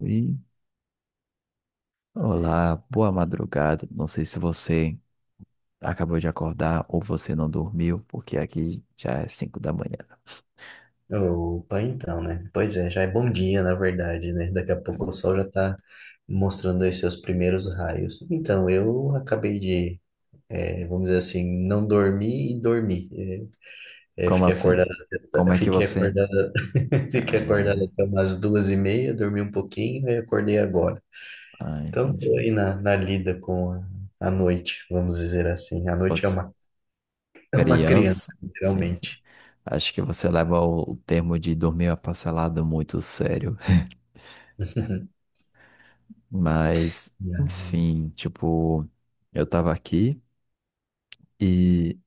E Olá, boa madrugada. Não sei se você acabou de acordar ou você não dormiu, porque aqui já é 5 da manhã. Opa, então, né? Pois é, já é bom dia, na verdade, né? Daqui a pouco o sol já tá mostrando aí seus primeiros raios. Então, eu acabei de, vamos dizer assim, não dormir e dormir. Eh, eh, Como fiquei assim? acordado, Como é que Fiquei você. acordado, fiquei acordado é, até umas 2:30, dormi um pouquinho e acordei agora. Ah, Então, tô aí entendi. na, lida com a noite, vamos dizer assim. A noite é Você... uma, é uma criança, Criança? Sim, sim. literalmente. Acho que você leva o termo de dormir aparcelado muito sério. Mas, enfim, tipo, eu tava aqui e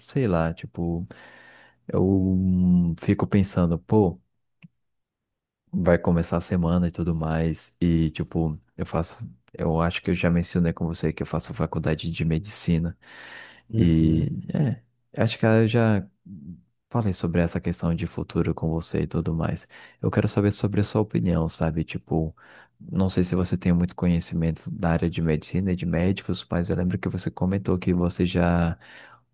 sei lá, tipo, eu fico pensando, pô. Vai começar a semana e tudo mais. E, tipo, eu faço. Eu acho que eu já mencionei com você que eu faço faculdade de medicina. E Uhum, é, acho que eu já falei sobre essa questão de futuro com você e tudo mais. Eu quero saber sobre a sua opinião, sabe? Tipo, não sei se você tem muito conhecimento da área de medicina e de médicos, mas eu lembro que você comentou que você já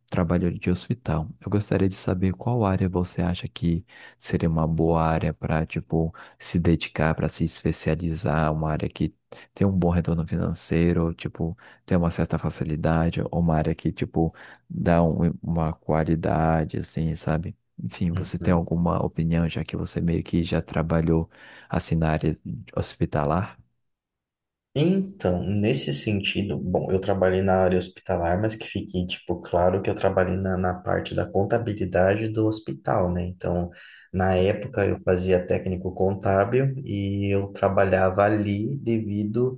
trabalhou de hospital. Eu gostaria de saber qual área você acha que seria uma boa área para, tipo, se dedicar, para se especializar, uma área que tem um bom retorno financeiro, tipo tem uma certa facilidade, ou uma área que, tipo, dá uma qualidade, assim, sabe? Enfim, você tem uhum. alguma opinião, já que você meio que já trabalhou assim na área hospitalar? Então, nesse sentido, bom, eu trabalhei na área hospitalar, mas que fique, tipo, claro que eu trabalhei na parte da contabilidade do hospital, né? Então, na época eu fazia técnico contábil e eu trabalhava ali devido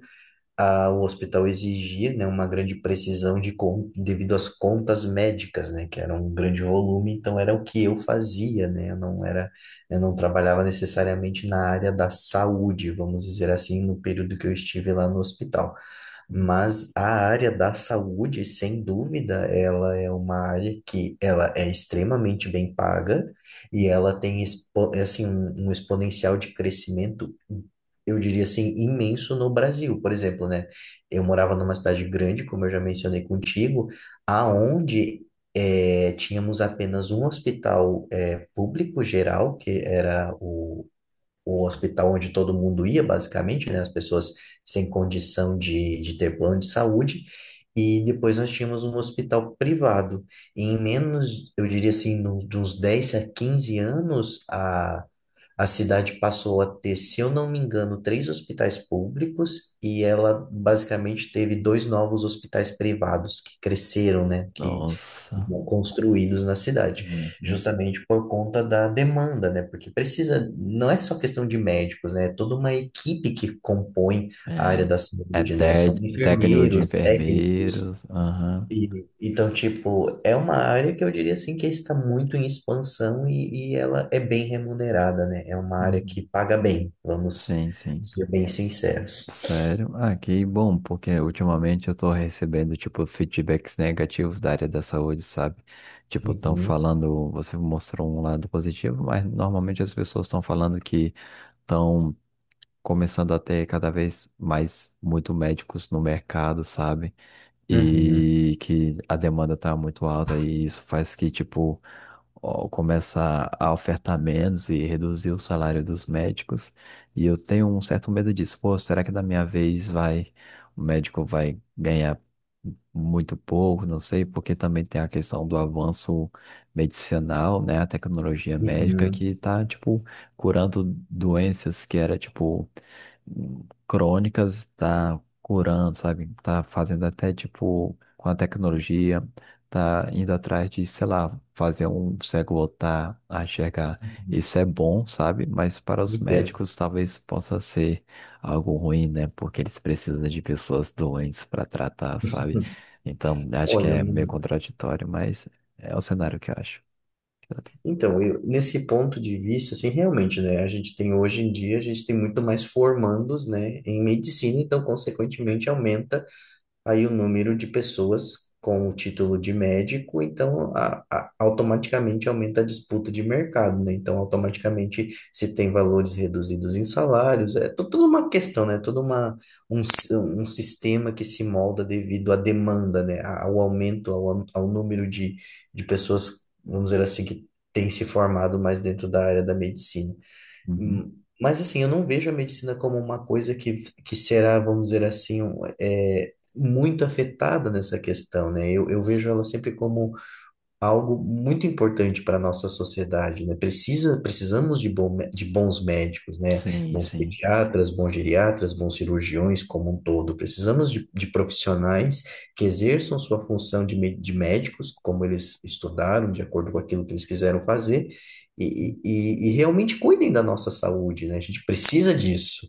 a, o hospital exigir, né, uma grande precisão devido às contas médicas, né, que era um grande volume, então era o que eu fazia, né, eu não era, eu não trabalhava necessariamente na área da saúde, vamos dizer assim, no período que eu estive lá no hospital. Mas a área da saúde, sem dúvida, ela é uma área que ela é extremamente bem paga e ela tem assim, um exponencial de crescimento, eu diria assim, imenso no Brasil. Por exemplo, né? Eu morava numa cidade grande, como eu já mencionei contigo, aonde tínhamos apenas um hospital público geral, que era o hospital onde todo mundo ia, basicamente, né? As pessoas sem condição de ter plano de saúde. E depois nós tínhamos um hospital privado. E em menos, eu diria assim, no, de uns 10 a 15 anos, a cidade passou a ter, se eu não me engano, três hospitais públicos e ela basicamente teve dois novos hospitais privados que cresceram, né, que Nossa. foram construídos na cidade, Uhum. justamente por conta da demanda, né, porque precisa, não é só questão de médicos, né, é toda uma equipe que compõe a área É, da é saúde, né, té- são técnico de enfermeiros, técnicos, enfermeiros. Aham. Então, tipo, é uma área que eu diria assim que está muito em expansão e ela é bem remunerada, né? É uma área Uhum. que paga bem, vamos Sim, sim. ser bem sinceros. Sério? Ah, que bom, porque ultimamente eu tô recebendo, tipo, feedbacks negativos da área da saúde, sabe? Tipo, estão Uhum, falando, você mostrou um lado positivo, mas normalmente as pessoas estão falando que estão começando a ter cada vez mais muito médicos no mercado, sabe? uhum, E que a demanda tá muito alta e isso faz que, tipo, ó, começa a ofertar menos e reduzir o salário dos médicos. E eu tenho um certo medo disso. Pô, será que da minha vez vai, o médico vai ganhar muito pouco? Não sei, porque também tem a questão do avanço medicinal, né? A tecnologia médica uhum, que tá, tipo, curando doenças que era, tipo, crônicas, tá curando, sabe? Tá fazendo até tipo com a tecnologia, tá indo atrás de, sei lá, fazer um cego voltar a enxergar. uhum, Isso é bom, sabe? Mas para os entendo. médicos talvez possa ser algo ruim, né? Porque eles precisam de pessoas doentes para tratar, sabe? Então, acho que Olha, é meio mano, contraditório, mas é o cenário que eu acho. então, eu, nesse ponto de vista, assim, realmente, né, a gente tem hoje em dia, a gente tem muito mais formandos, né, em medicina, então, consequentemente, aumenta aí o número de pessoas com o título de médico, então a, automaticamente aumenta a disputa de mercado, né? Então automaticamente se tem valores reduzidos em salários, é tudo uma questão, né? Tudo uma, um sistema que se molda devido à demanda, né? Ao aumento, ao número de pessoas, vamos dizer assim, que têm se formado mais dentro da área da medicina. Uhum. Hum, Mas assim, eu não vejo a medicina como uma coisa que será, vamos dizer assim, um, é, muito afetada nessa questão, né? Eu vejo ela sempre como algo muito importante para a nossa sociedade, né? Precisa, precisamos de, bom, de bons médicos, né? Sim, Bons sim. pediatras, bons geriatras, bons cirurgiões como um todo. Precisamos de profissionais que exerçam sua função de, de médicos, como eles estudaram, de acordo com aquilo que eles quiseram fazer, e realmente cuidem da nossa saúde, né? A gente precisa disso.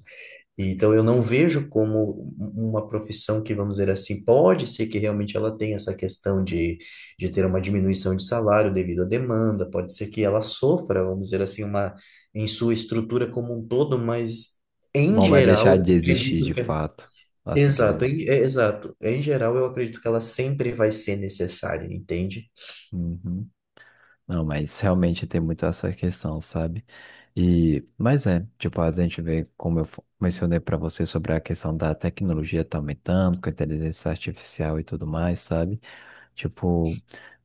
Então, eu não vejo como uma profissão que, vamos dizer assim, pode ser que realmente ela tenha essa questão de ter uma diminuição de salário devido à demanda, pode ser que ela sofra, vamos dizer assim, uma, em sua estrutura como um todo, mas em Não vai geral, deixar eu de existir acredito de que. Fato. Assim que eu Exato, exato. Em geral, eu acredito que ela sempre vai ser necessária, entende? Uhum. Não, mas realmente tem muito essa questão, sabe? E, mas é, tipo, a gente vê, como eu mencionei para você sobre a questão da tecnologia tá aumentando, com a inteligência artificial e tudo mais, sabe? Tipo,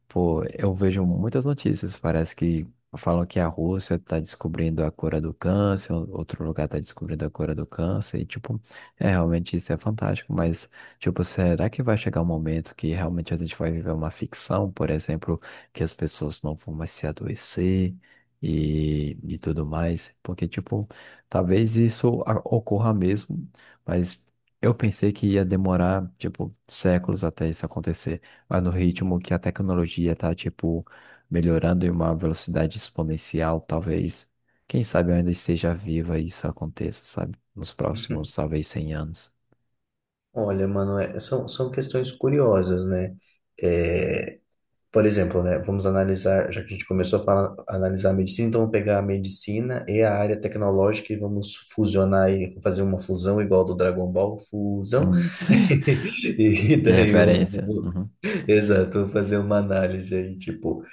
pô, eu vejo muitas notícias. Parece que falam que a Rússia tá descobrindo a cura do câncer, outro lugar tá descobrindo a cura do câncer, e tipo, é realmente isso é fantástico, mas tipo, será que vai chegar um momento que realmente a gente vai viver uma ficção, por exemplo, que as pessoas não vão mais se adoecer e tudo mais? Porque, tipo, talvez isso ocorra mesmo, mas eu pensei que ia demorar, tipo, séculos até isso acontecer. Mas no ritmo que a tecnologia tá, tipo, melhorando em uma velocidade exponencial, talvez, quem sabe eu ainda esteja viva e isso aconteça, sabe? Nos próximos, talvez, 100 anos. Olha, mano, são questões curiosas, né? É, Por exemplo, né, vamos analisar, já que a gente começou a falar, a analisar a medicina, então vamos pegar a medicina e a área tecnológica e vamos fusionar e fazer uma fusão igual do Dragon Ball, fusão. Sim. E Que daí vamos, referência. Uhum. exato, vamos fazer uma análise aí, tipo,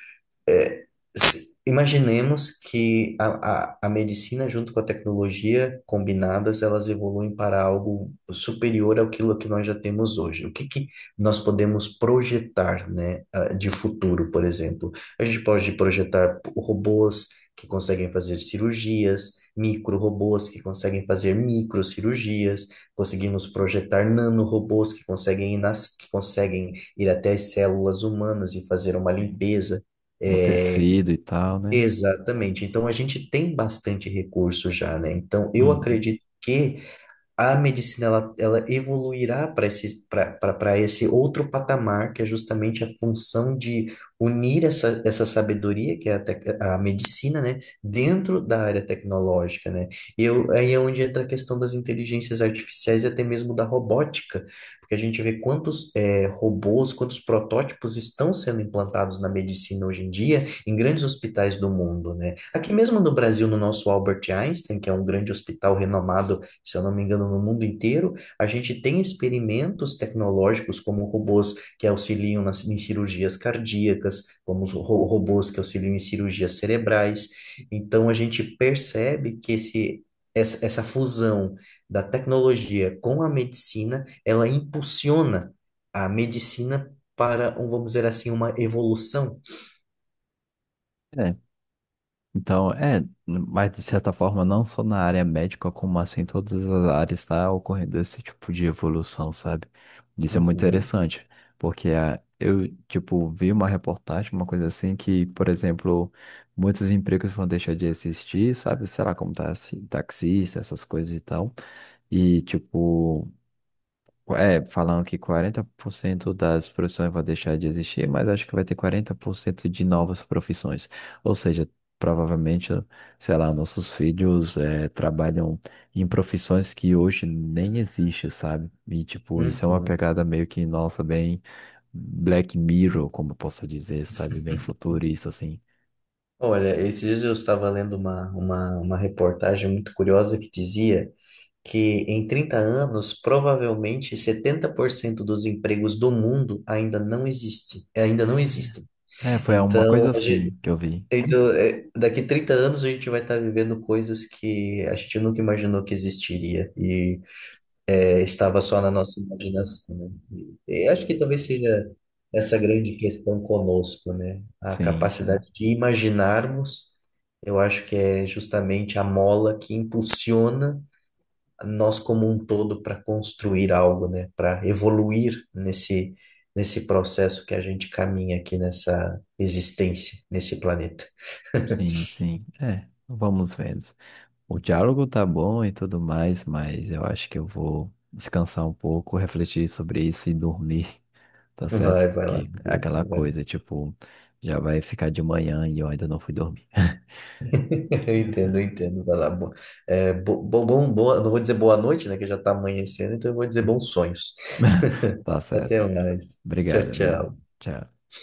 é, imaginemos que a medicina junto com a tecnologia combinadas, elas evoluem para algo superior àquilo que nós já temos hoje. O que que nós podemos projetar, né, de futuro, por exemplo? A gente pode projetar robôs que conseguem fazer cirurgias, micro-robôs que conseguem fazer microcirurgias, conseguimos projetar nanorobôs que conseguem ir nas, que conseguem ir até as células humanas e fazer uma Sim. limpeza. O É, tecido e tal, né? exatamente. Então a gente tem bastante recurso já, né? Então eu Uhum. acredito que a medicina ela, ela evoluirá para esse outro patamar, que é justamente a função de unir essa sabedoria, que é a, a medicina, né, dentro da área tecnológica, né? E eu, aí é onde entra a questão das inteligências artificiais e até mesmo da robótica, porque a gente vê quantos robôs, quantos protótipos estão sendo implantados na medicina hoje em dia, em grandes hospitais do mundo, né? Aqui mesmo no Brasil, no nosso Albert Einstein, que é um grande hospital renomado, se eu não me engano, no mundo inteiro, a gente tem experimentos tecnológicos como robôs que auxiliam nas, em cirurgias cardíacas, como os robôs que auxiliam em cirurgias cerebrais. Então, a gente percebe que essa fusão da tecnologia com a medicina, ela impulsiona a medicina para, vamos dizer assim, uma evolução. É, então, mas de certa forma, não só na área médica, como assim, em todas as áreas está ocorrendo esse tipo de evolução, sabe? Isso é muito Uhum, interessante, porque eu, tipo, vi uma reportagem, uma coisa assim, que, por exemplo, muitos empregos vão deixar de existir, sabe? Será como tá, assim, taxista, essas coisas e tal. E, tipo. É, falam que 40% das profissões vão deixar de existir, mas acho que vai ter 40% de novas profissões. Ou seja, provavelmente, sei lá, nossos filhos trabalham em profissões que hoje nem existem, sabe? E, tipo, isso é uma uhum. pegada meio que, nossa, bem Black Mirror, como eu posso dizer, sabe? Bem futurista, assim. Olha, esses dias eu estava lendo uma reportagem muito curiosa que dizia que em 30 anos, provavelmente 70% dos empregos do mundo ainda não existe, ainda não existem. É, foi uma coisa Então, hoje, assim que eu vi. então, é, daqui 30 anos a gente vai estar vivendo coisas que a gente nunca imaginou que existiria e é, estava só na nossa imaginação, né? E acho que talvez seja essa grande questão conosco, né? A Sim, sim, capacidade de imaginarmos, eu acho que é justamente a mola que impulsiona nós como um todo para construir algo, né? Para evoluir nesse nesse processo que a gente caminha aqui nessa existência, nesse planeta. sim, sim. É, vamos vendo. O diálogo tá bom e tudo mais, mas eu acho que eu vou descansar um pouco, refletir sobre isso e dormir, tá Vai, certo? vai lá. Que é aquela Vai lá. coisa, tipo, já vai ficar de manhã e eu ainda não fui dormir. Eu entendo, eu entendo. Vai lá. Bo, é, bo, bo- bom, boa, Não vou dizer boa noite, né? Que já tá amanhecendo, então eu vou dizer bons sonhos. Tá Até certo. mais. Tchau, Obrigado, viu? tchau. Tchau.